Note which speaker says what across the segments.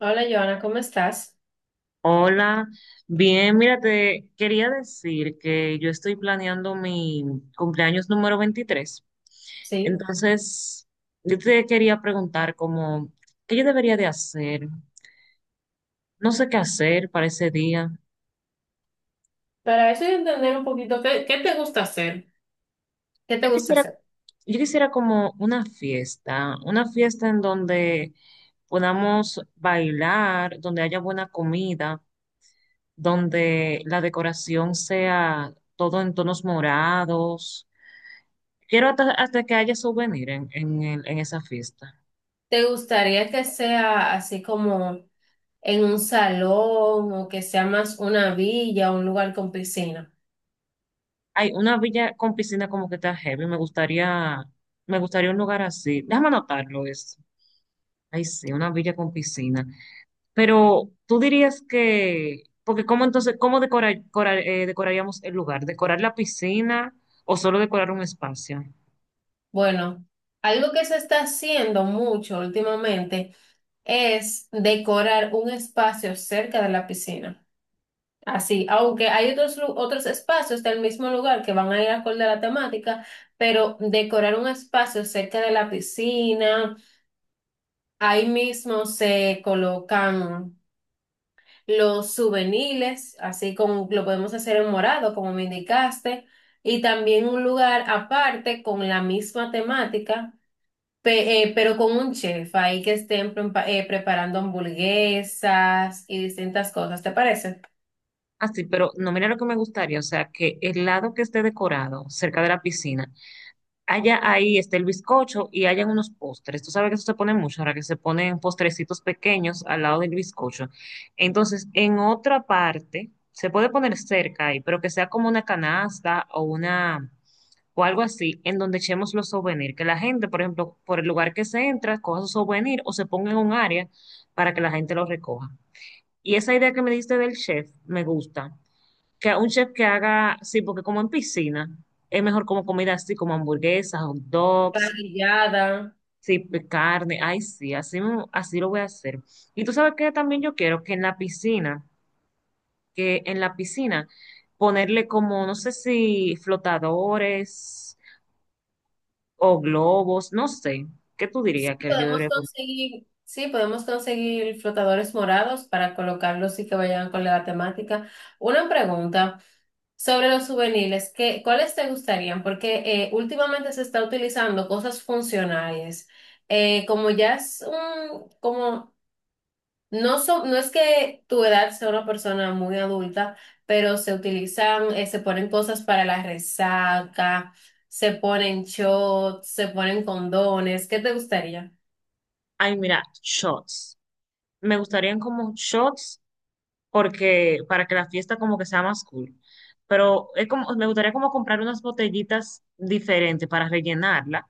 Speaker 1: Hola, Joana, ¿cómo estás?
Speaker 2: Hola, bien, mira, te quería decir que yo estoy planeando mi cumpleaños número 23.
Speaker 1: Sí,
Speaker 2: Entonces, yo te quería preguntar ¿qué yo debería de hacer? No sé qué hacer para ese día.
Speaker 1: para eso yo entender un poquito, ¿qué te gusta hacer? ¿Qué te
Speaker 2: Yo
Speaker 1: gusta
Speaker 2: quisiera,
Speaker 1: hacer?
Speaker 2: yo quisiera como una fiesta en donde podamos bailar, donde haya buena comida, donde la decoración sea todo en tonos morados. Quiero hasta que haya souvenir en esa fiesta.
Speaker 1: ¿Te gustaría que sea así como en un salón o que sea más una villa o un lugar con piscina?
Speaker 2: Hay una villa con piscina como que está heavy. Me gustaría un lugar así. Déjame anotarlo eso. Ay, sí, una villa con piscina. Pero tú dirías que, porque cómo entonces, ¿cómo decoraríamos el lugar? ¿Decorar la piscina o solo decorar un espacio?
Speaker 1: Bueno, algo que se está haciendo mucho últimamente es decorar un espacio cerca de la piscina. Así, aunque hay otros espacios del mismo lugar que van a ir acorde a la temática, pero decorar un espacio cerca de la piscina. Ahí mismo se colocan los juveniles, así como lo podemos hacer en morado, como me indicaste, y también un lugar aparte con la misma temática, pero con un chef ahí que estén preparando hamburguesas y distintas cosas, ¿te parece?
Speaker 2: Así, pero no, mira lo que me gustaría, o sea, que el lado que esté decorado cerca de la piscina, allá ahí está el bizcocho y hayan unos postres. Tú sabes que eso se pone mucho, ahora que se ponen postrecitos pequeños al lado del bizcocho. Entonces, en otra parte, se puede poner cerca ahí, pero que sea como una canasta o una o algo así, en donde echemos los souvenirs. Que la gente, por ejemplo, por el lugar que se entra, coja su souvenir o se ponga en un área para que la gente lo recoja. Y esa idea que me diste del chef me gusta, que un chef que haga, sí, porque como en piscina, es mejor como comida así, como hamburguesas, hot dogs,
Speaker 1: Parrillada.
Speaker 2: sí, carne, ay, sí, así, así lo voy a hacer. Y tú sabes que también yo quiero que en la piscina, que en la piscina, ponerle como, no sé si flotadores o globos, no sé, ¿qué tú dirías
Speaker 1: Y
Speaker 2: que yo
Speaker 1: podemos
Speaker 2: debería poner?
Speaker 1: conseguir, sí, podemos conseguir flotadores morados para colocarlos y que vayan con la temática. Una pregunta. Sobre los juveniles, cuáles te gustarían? Porque últimamente se está utilizando cosas funcionales. Como ya es un, como, no es que tu edad sea una persona muy adulta, pero se utilizan, se ponen cosas para la resaca, se ponen shots, se ponen condones. ¿Qué te gustaría?
Speaker 2: Ay, mira, shots. Me gustarían como shots porque para que la fiesta como que sea más cool. Pero es como, me gustaría como comprar unas botellitas diferentes para rellenarla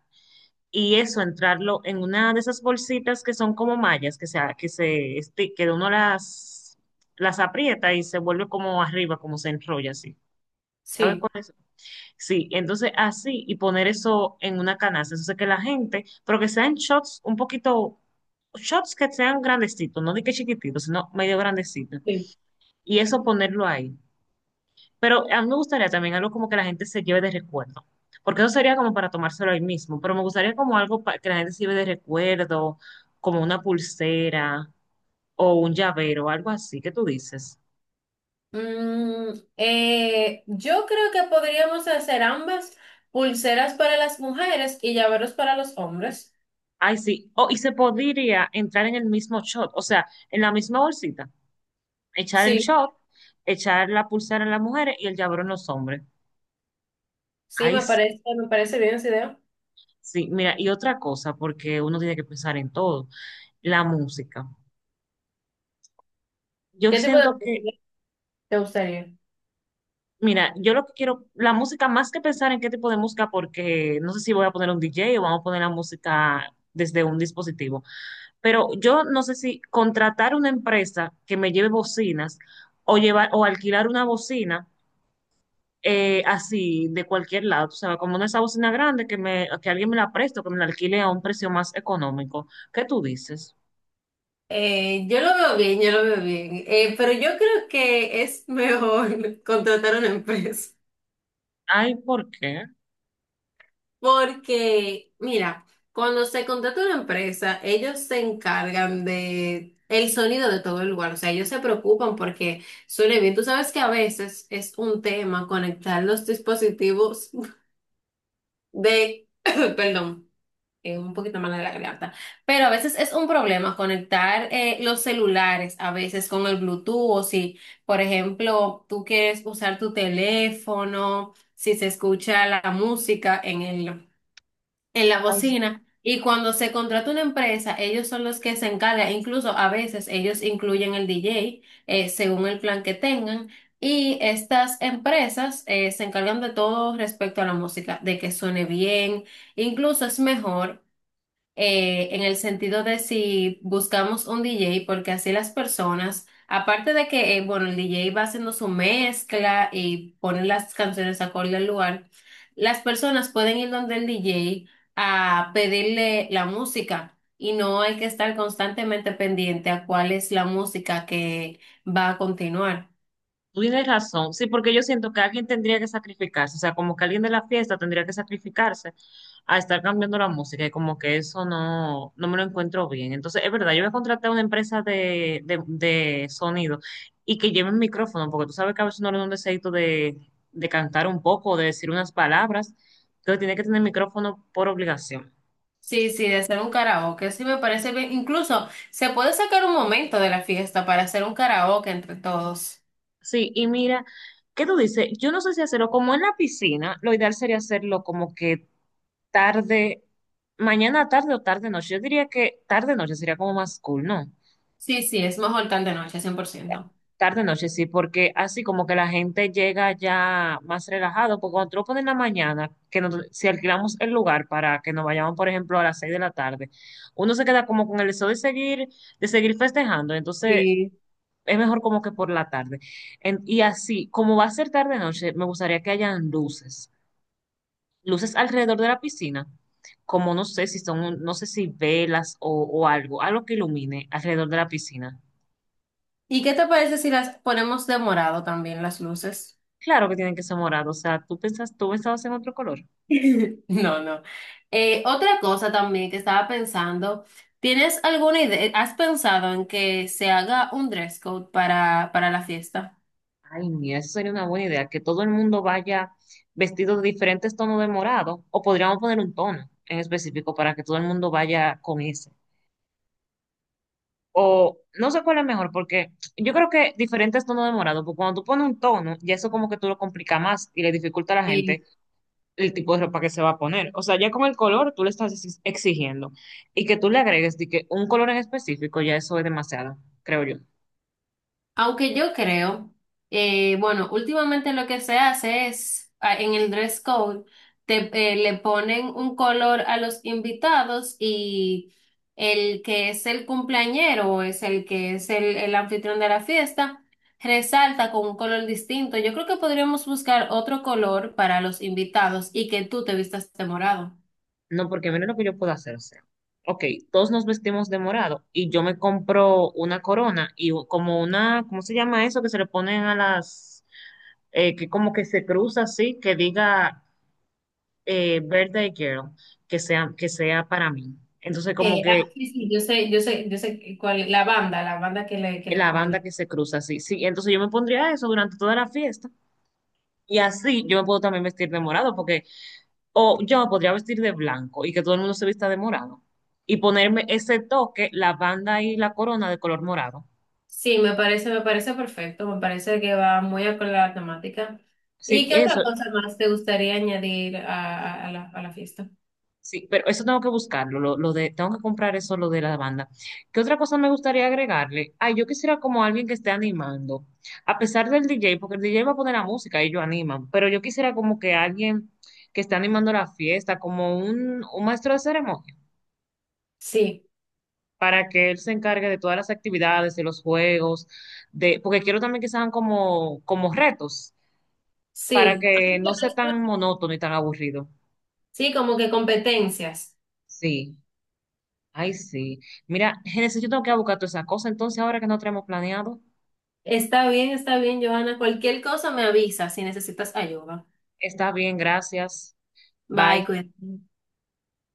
Speaker 2: y eso entrarlo en una de esas bolsitas que son como mallas, que sea, que uno las aprieta y se vuelve como arriba, como se enrolla así. ¿Sabes
Speaker 1: Sí.
Speaker 2: cuál es? Sí, entonces así y poner eso en una canasta. Entonces que la gente, pero que sean shots un poquito, shots que sean grandecitos, no de que chiquititos, sino medio grandecitos.
Speaker 1: Sí.
Speaker 2: Y eso ponerlo ahí. Pero a mí me gustaría también algo como que la gente se lleve de recuerdo, porque eso sería como para tomárselo ahí mismo, pero me gustaría como algo para que la gente se lleve de recuerdo, como una pulsera o un llavero, algo así, ¿qué tú dices?
Speaker 1: Mm, yo creo que podríamos hacer ambas, pulseras para las mujeres y llaveros para los hombres.
Speaker 2: Ay, sí, oh, y se podría entrar en el mismo shot, o sea, en la misma bolsita, echar el
Speaker 1: Sí,
Speaker 2: shot, echar la pulsera en las mujeres y el llavero en los hombres.
Speaker 1: sí,
Speaker 2: Ay,
Speaker 1: me
Speaker 2: sí,
Speaker 1: parece, me parece bien esa idea.
Speaker 2: sí, mira, y otra cosa, porque uno tiene que pensar en todo, la música. Yo
Speaker 1: ¿Qué tipo de
Speaker 2: siento que
Speaker 1: música te gustaría?
Speaker 2: mira, yo lo que quiero, la música, más que pensar en qué tipo de música, porque no sé si voy a poner un DJ o vamos a poner la música desde un dispositivo, pero yo no sé si contratar una empresa que me lleve bocinas o llevar o alquilar una bocina, así de cualquier lado, o sea, como una esa bocina grande que me, que alguien me la preste o que me la alquile a un precio más económico. ¿Qué tú dices?
Speaker 1: Yo lo veo bien, yo lo veo bien. Pero yo creo que es mejor contratar una empresa.
Speaker 2: Ay, ¿por qué?
Speaker 1: Porque, mira, cuando se contrata una empresa, ellos se encargan de el sonido de todo el lugar. O sea, ellos se preocupan porque suene bien. Tú sabes que a veces es un tema conectar los dispositivos de, perdón, un poquito mal de la garganta, pero a veces es un problema conectar los celulares, a veces con el Bluetooth, o si, por ejemplo, tú quieres usar tu teléfono, si se escucha la música en la bocina. Y cuando se contrata una empresa, ellos son los que se encargan, incluso a veces ellos incluyen el DJ , según el plan que tengan. Y estas empresas se encargan de todo respecto a la música, de que suene bien. Incluso es mejor en el sentido de si buscamos un DJ, porque así las personas, aparte de que, bueno, el DJ va haciendo su mezcla y pone las canciones acorde al lugar, las personas pueden ir donde el DJ a pedirle la música y no hay que estar constantemente pendiente a cuál es la música que va a continuar.
Speaker 2: Tú tienes razón, sí, porque yo siento que alguien tendría que sacrificarse, o sea, como que alguien de la fiesta tendría que sacrificarse a estar cambiando la música y como que eso no, no me lo encuentro bien. Entonces, es verdad, yo voy a contratar a una empresa de sonido y que lleve un micrófono, porque tú sabes que a veces no le da un deseito de cantar un poco, o de decir unas palabras, entonces tiene que tener micrófono por obligación.
Speaker 1: Sí, sí, de hacer un karaoke, sí me parece bien. Incluso se puede sacar un momento de la fiesta para hacer un karaoke entre todos.
Speaker 2: Sí, y mira, ¿qué tú dices? Yo no sé si hacerlo como en la piscina, lo ideal sería hacerlo como que tarde, mañana tarde o tarde noche. Yo diría que tarde noche sería como más cool, ¿no?
Speaker 1: Sí, sí, es mejor tal de noche, 100%.
Speaker 2: Tarde noche sí, porque así como que la gente llega ya más relajado, porque cuando tú lo pones en la mañana, si alquilamos el lugar para que nos vayamos, por ejemplo, a las 6 de la tarde, uno se queda como con el deseo de seguir festejando, entonces
Speaker 1: Sí.
Speaker 2: es mejor como que por la tarde. Y así, como va a ser tarde noche, me gustaría que hayan luces, luces alrededor de la piscina, como no sé si son, no sé si velas o algo, algo que ilumine alrededor de la piscina.
Speaker 1: ¿Y qué te parece si las ponemos de morado también las luces?
Speaker 2: Claro que tienen que ser morado, o sea, tú pensas, tú pensabas en otro color.
Speaker 1: No, no. Otra cosa también que estaba pensando, ¿tienes alguna idea? ¿Has pensado en que se haga un dress code para la fiesta?
Speaker 2: Ay, mira, eso sería una buena idea, que todo el mundo vaya vestido de diferentes tonos de morado, o podríamos poner un tono en específico para que todo el mundo vaya con ese. O no sé cuál es mejor, porque yo creo que diferentes tonos de morado, porque cuando tú pones un tono, ya eso como que tú lo complica más y le dificulta a la gente el tipo de ropa que se va a poner. O sea, ya con el color tú le estás exigiendo. Y que tú le agregues de que un color en específico, ya eso es demasiado, creo yo.
Speaker 1: Aunque yo creo, bueno, últimamente lo que se hace es, ah, en el dress code, le ponen un color a los invitados y el que es el cumpleañero o es el que es el anfitrión de la fiesta, resalta con un color distinto. Yo creo que podríamos buscar otro color para los invitados y que tú te vistas de morado.
Speaker 2: No, porque mira lo que yo puedo hacer. O sea, ok, todos nos vestimos de morado y yo me compro una corona y como una, ¿cómo se llama eso? Que se le ponen a las, que como que se cruza así, que diga Birthday Girl, que sea para mí. Entonces, como que
Speaker 1: Sí, sí, yo sé cuál, la banda que le
Speaker 2: la banda
Speaker 1: ponen.
Speaker 2: que se cruza así. Sí, entonces yo me pondría eso durante toda la fiesta. Y así yo me puedo también vestir de morado, porque, o yo me podría vestir de blanco y que todo el mundo se vista de morado. Y ponerme ese toque, la banda y la corona de color morado.
Speaker 1: Sí, me parece perfecto, me parece que va muy acorde a la temática.
Speaker 2: Sí,
Speaker 1: ¿Y qué
Speaker 2: eso,
Speaker 1: otra cosa más te gustaría añadir a la fiesta?
Speaker 2: sí, pero eso tengo que buscarlo, tengo que comprar eso, lo de la banda. ¿Qué otra cosa me gustaría agregarle? Ay, yo quisiera como alguien que esté animando, a pesar del DJ, porque el DJ va a poner la música y ellos animan, pero yo quisiera como que alguien que esté animando la fiesta, como un maestro de ceremonia,
Speaker 1: Sí,
Speaker 2: para que él se encargue de todas las actividades, de los juegos, de, porque quiero también que sean como retos, para
Speaker 1: sí,
Speaker 2: que no sea tan monótono y tan aburrido.
Speaker 1: sí, como que competencias.
Speaker 2: Sí, ay, sí. Mira, Génesis, yo tengo que ir a buscar toda esa cosa, entonces ahora que no tenemos planeado,
Speaker 1: Está bien, Johanna. Cualquier cosa me avisa si necesitas ayuda.
Speaker 2: está bien, gracias. Bye.
Speaker 1: Bye, cuídate.